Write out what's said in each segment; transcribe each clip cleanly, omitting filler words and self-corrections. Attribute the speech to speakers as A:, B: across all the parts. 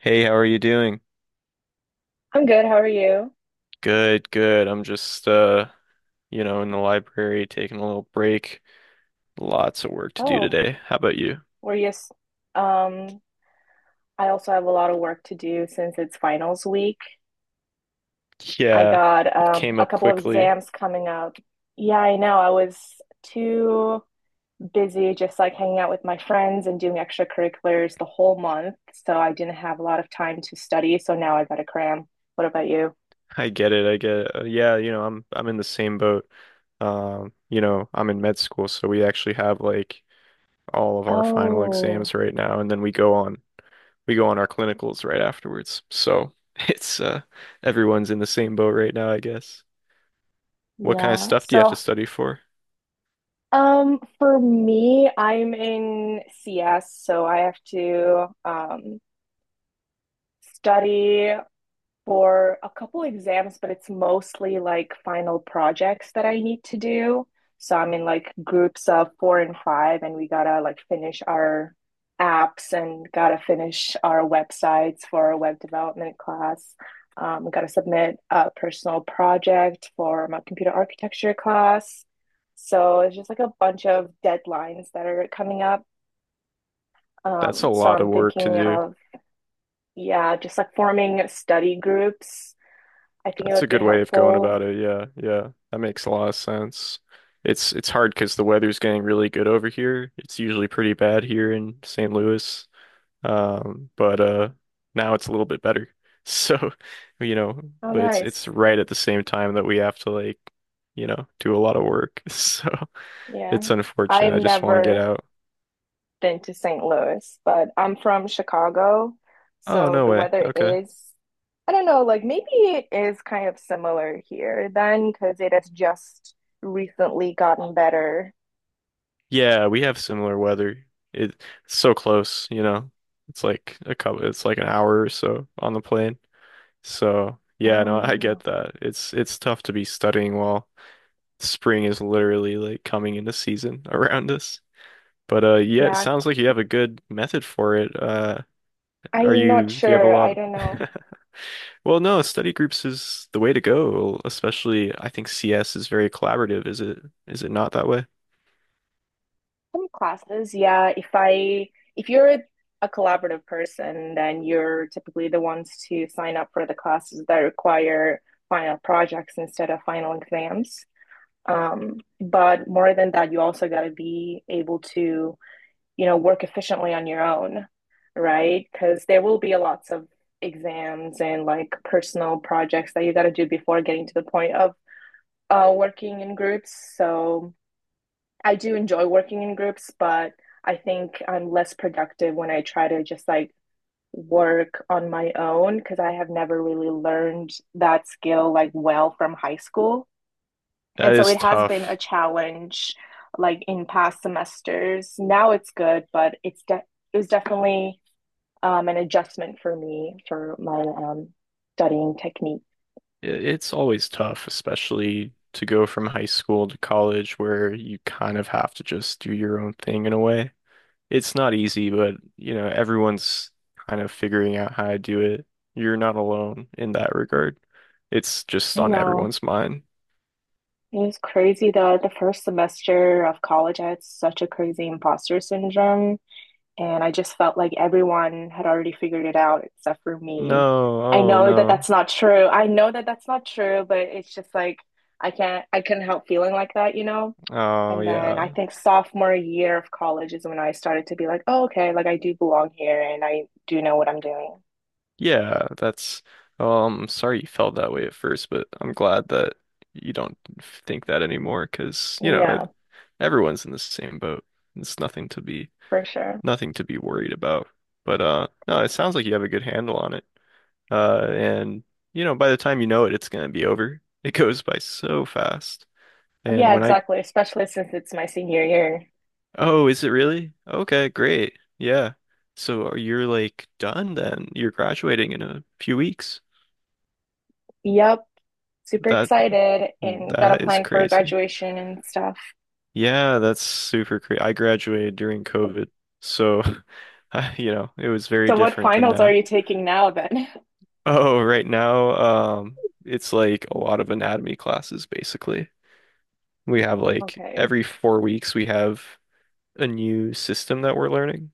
A: Hey, how are you doing?
B: I'm good. How are you?
A: Good, good. I'm just in the library taking a little break. Lots of work to do
B: Oh,
A: today. How about you?
B: we're just, um, I also have a lot of work to do since it's finals week. I
A: Yeah,
B: got
A: it came
B: a
A: up
B: couple of
A: quickly.
B: exams coming up. Yeah, I know. I was too busy just like hanging out with my friends and doing extracurriculars the whole month, so I didn't have a lot of time to study. So now I gotta cram. What about you?
A: I get it. I get it. Yeah, I'm in the same boat. I'm in med school, so we actually have like all of our final
B: Oh,
A: exams right now, and then we go on our clinicals right afterwards. So it's everyone's in the same boat right now, I guess. What kind of
B: yeah.
A: stuff do you have to
B: So,
A: study for?
B: for me, I'm in CS, so I have to study for a couple exams, but it's mostly like final projects that I need to do. So I'm in like groups of four and five, and we gotta like finish our apps and gotta finish our websites for our web development class. We gotta submit a personal project for my computer architecture class. So it's just like a bunch of deadlines that are coming up.
A: That's a
B: So
A: lot
B: I'm
A: of work to
B: thinking
A: do.
B: of Yeah, just like forming study groups. I think it
A: That's a
B: would be
A: good way of going
B: helpful.
A: about it. Yeah, yeah. That makes a lot of sense. It's hard because the weather's getting really good over here. It's usually pretty bad here in St. Louis. But Now it's a little bit better. So, you know,
B: Oh,
A: but it's
B: nice.
A: right at the same time that we have to do a lot of work. So, it's
B: Yeah. I've
A: unfortunate. I just want to get
B: never
A: out.
B: been to St. Louis, but I'm from Chicago.
A: Oh,
B: So
A: no
B: the
A: way.
B: weather
A: Okay.
B: is, I don't know, like maybe it is kind of similar here then because it has just recently gotten better.
A: Yeah, we have similar weather. It- It's so close, you know. It's like a couple, it's like an hour or so on the plane. So, yeah,
B: Oh,
A: no, I get
B: yeah.
A: that. It's tough to be studying while spring is literally like coming into season around us. But yeah, it
B: Yeah.
A: sounds like you have a good method for it. Are
B: I'm not
A: you do you have a
B: sure.
A: lot
B: I don't know.
A: Well, no, study groups is the way to go, especially I think CS is very collaborative. Is it not that way?
B: Some classes, yeah. If you're a collaborative person, then you're typically the ones to sign up for the classes that require final projects instead of final exams. But more than that, you also got to be able to, you know, work efficiently on your own, right? Because there will be lots of exams and like personal projects that you got to do before getting to the point of working in groups. So I do enjoy working in groups, but I think I'm less productive when I try to just like work on my own because I have never really learned that skill like well from high school.
A: That
B: And so it
A: is
B: has been a
A: tough.
B: challenge like in past semesters. Now it's good, but it was definitely an adjustment for me for my studying technique.
A: It's always tough, especially to go from high school to college where you kind of have to just do your own thing in a way. It's not easy, but you know, everyone's kind of figuring out how to do it. You're not alone in that regard. It's just
B: I
A: on
B: know.
A: everyone's mind.
B: It was crazy though. The first semester of college, I had such a crazy imposter syndrome. And I just felt like everyone had already figured it out except for
A: No,
B: me. I
A: oh
B: know that
A: no.
B: that's not true. I know that that's not true, but it's just like I couldn't help feeling like that, you know?
A: Oh
B: And then I
A: yeah.
B: think sophomore year of college is when I started to be like, oh, okay, like I do belong here and I do know what I'm doing.
A: Yeah, that's Sorry you felt that way at first, but I'm glad that you don't think that anymore. Cause you know,
B: Yeah,
A: everyone's in the same boat. It's
B: for sure.
A: nothing to be worried about. But no, it sounds like you have a good handle on it. And You know, by the time you know it, it's gonna be over. It goes by so fast. And
B: Yeah,
A: when I
B: exactly. Especially since it's my senior year.
A: Oh, is it really? Okay, great. Yeah. So you're like done then. You're graduating in a few weeks.
B: Yep. Super
A: That
B: excited and got
A: that is
B: applying for
A: crazy.
B: graduation and stuff.
A: Yeah, that's super crazy. I graduated during COVID, so you know, it was very
B: So, what
A: different than
B: finals are
A: now.
B: you taking now then?
A: Oh, right now, it's like a lot of anatomy classes basically. We have like
B: Okay.
A: every 4 weeks we have a new system that we're learning,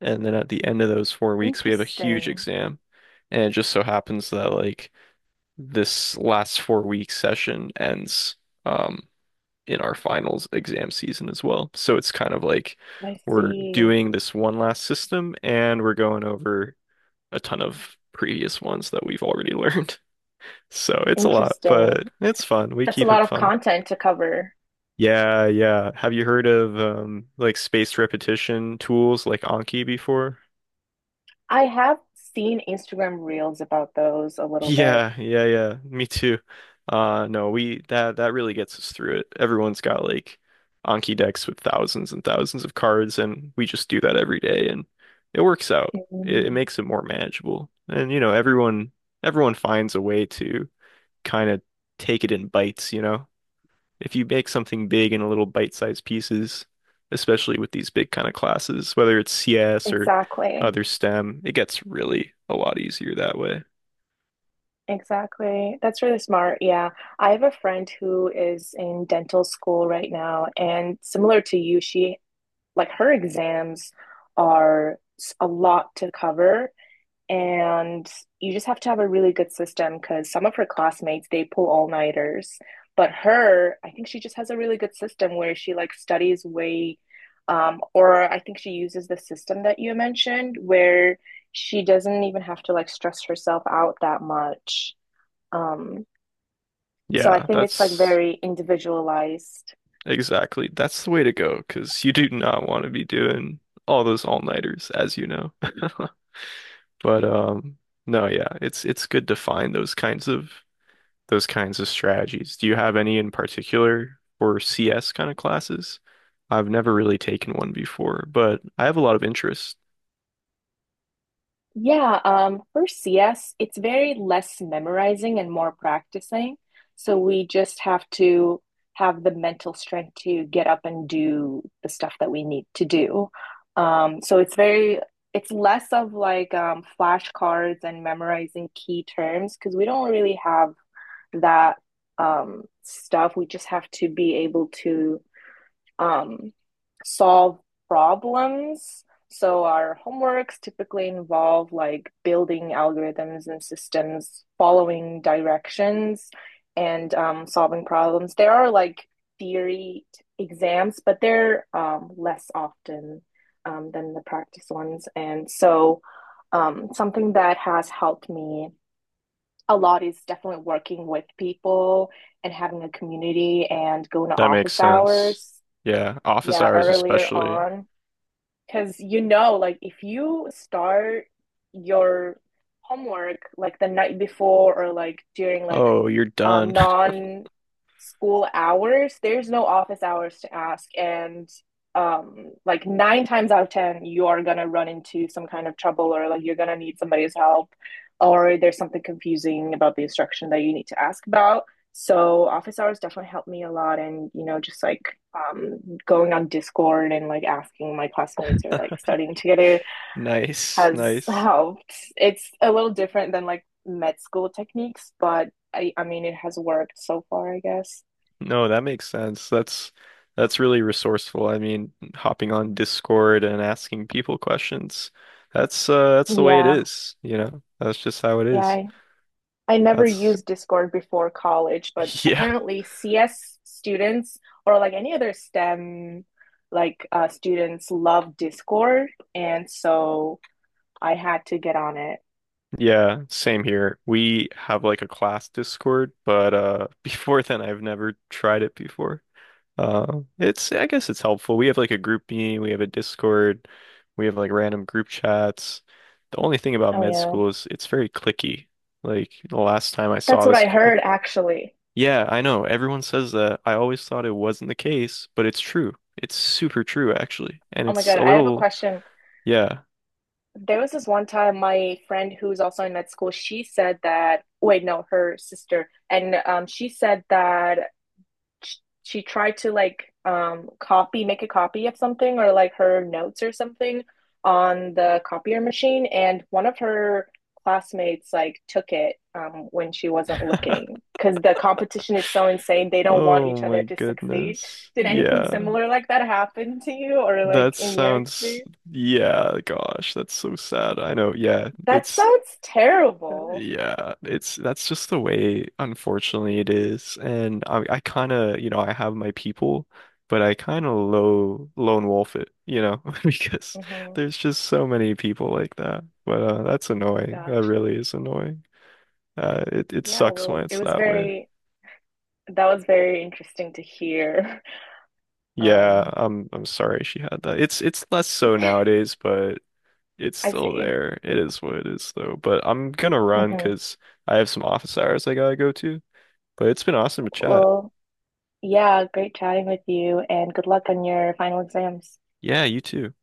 A: and then at the end of those 4 weeks we have a huge
B: Interesting.
A: exam, and it just so happens that like this last 4 week session ends. Um, in our finals exam season as well. So it's kind of like
B: I
A: we're
B: see.
A: doing this one last system and we're going over a ton of previous ones that we've already learned. So it's a lot,
B: Interesting.
A: but it's fun. We
B: That's a
A: keep
B: lot
A: it
B: of
A: fun.
B: content to cover.
A: Yeah, yeah. Have you heard of like spaced repetition tools like Anki before?
B: I have seen Instagram reels about those a little bit.
A: Yeah, yeah, yeah. Me too. No, we that that really gets us through it. Everyone's got like Anki decks with thousands and thousands of cards, and we just do that every day, and it works out. It
B: Mm.
A: makes it more manageable. And you know, everyone finds a way to kind of take it in bites, you know. If you make something big in a little bite-sized pieces, especially with these big kind of classes, whether it's CS or
B: Exactly.
A: other STEM, it gets really a lot easier that way.
B: Exactly. That's really smart. Yeah. I have a friend who is in dental school right now, and similar to you, she like her exams a lot to cover and you just have to have a really good system because some of her classmates they pull all nighters but her I think she just has a really good system where she like studies way or I think she uses the system that you mentioned where she doesn't even have to like stress herself out that much um, so I
A: Yeah,
B: think it's like
A: that's
B: very individualized.
A: Exactly. That's the way to go because you do not want to be doing all those all-nighters, as you know. But no, yeah, it's good to find those kinds of strategies. Do you have any in particular for CS kind of classes? I've never really taken one before, but I have a lot of interest.
B: Yeah, for CS, it's very less memorizing and more practicing. So we just have to have the mental strength to get up and do the stuff that we need to do. Um, so it's very, it's less of like flashcards and memorizing key terms because we don't really have that stuff. We just have to be able to um, solve problems. So our homeworks typically involve like building algorithms and systems, following directions, and solving problems. There are like theory exams, but they're less often than the practice ones. And so, something that has helped me a lot is definitely working with people and having a community and going to
A: That makes
B: office
A: sense.
B: hours,
A: Yeah, office
B: yeah,
A: hours
B: earlier
A: especially.
B: on. Because you know, like if you start your homework like the night before or like during like
A: Oh, you're done.
B: non-school hours, there's no office hours to ask. And like nine times out of 10, you are gonna run into some kind of trouble or like you're gonna need somebody's help or there's something confusing about the instruction that you need to ask about. So office hours definitely helped me a lot and you know just like going on Discord and like asking my classmates or like studying together
A: Nice,
B: has
A: nice.
B: helped. It's a little different than like med school techniques, but I mean, it has worked so far, I guess.
A: No, that makes sense. That's really resourceful. I mean, hopping on Discord and asking people questions. That's the way it
B: Yeah,
A: is, you know. That's just how it
B: yeah.
A: is.
B: I never
A: That's
B: used Discord before college, but
A: yeah.
B: apparently CS students or like any other STEM like students love Discord, and so I had to get on it.
A: Yeah, same here. We have like a class Discord, but before then I've never tried it before. It's I guess it's helpful. We have like a group meeting, we have a Discord, we have like random group chats. The only thing about
B: Oh
A: med
B: yeah,
A: school is it's very clicky. Like the last time I
B: that's
A: saw
B: what
A: this,
B: I
A: co-
B: heard actually.
A: Yeah, I know everyone says that. I always thought it wasn't the case, but it's true. It's super true actually, and
B: Oh my
A: it's
B: God,
A: a
B: I have a
A: little
B: question.
A: yeah.
B: There was this one time my friend who's also in med school, she said that, wait, no, her sister, and she said that sh- she tried to like copy, make a copy of something or like her notes or something on the copier machine, and one of her classmates like took it when she wasn't looking because the competition is so insane. They don't want
A: Oh
B: each other
A: my
B: to succeed.
A: goodness.
B: Did anything
A: Yeah.
B: similar like that happen to you or like
A: That
B: in your
A: sounds,
B: experience?
A: yeah, gosh, that's so sad. I know.
B: That sounds terrible.
A: Yeah, it's that's just the way, unfortunately, it is. And I kind of, you know, I have my people, but I kind of low lone wolf it, you know, because
B: Hmm.
A: there's just so many people like that. But that's annoying. That
B: Gotcha.
A: really is annoying. It
B: Yeah,
A: sucks
B: well,
A: when it's that way.
B: that was very interesting to hear.
A: Yeah,
B: Um,
A: I'm sorry she had that. It's less so
B: I
A: nowadays, but it's still
B: see.
A: there. It is what it is, though. But I'm gonna run
B: Hmm.
A: because I have some office hours I gotta go to. But it's been awesome to chat.
B: Well, yeah, great chatting with you and good luck on your final exams.
A: Yeah, you too.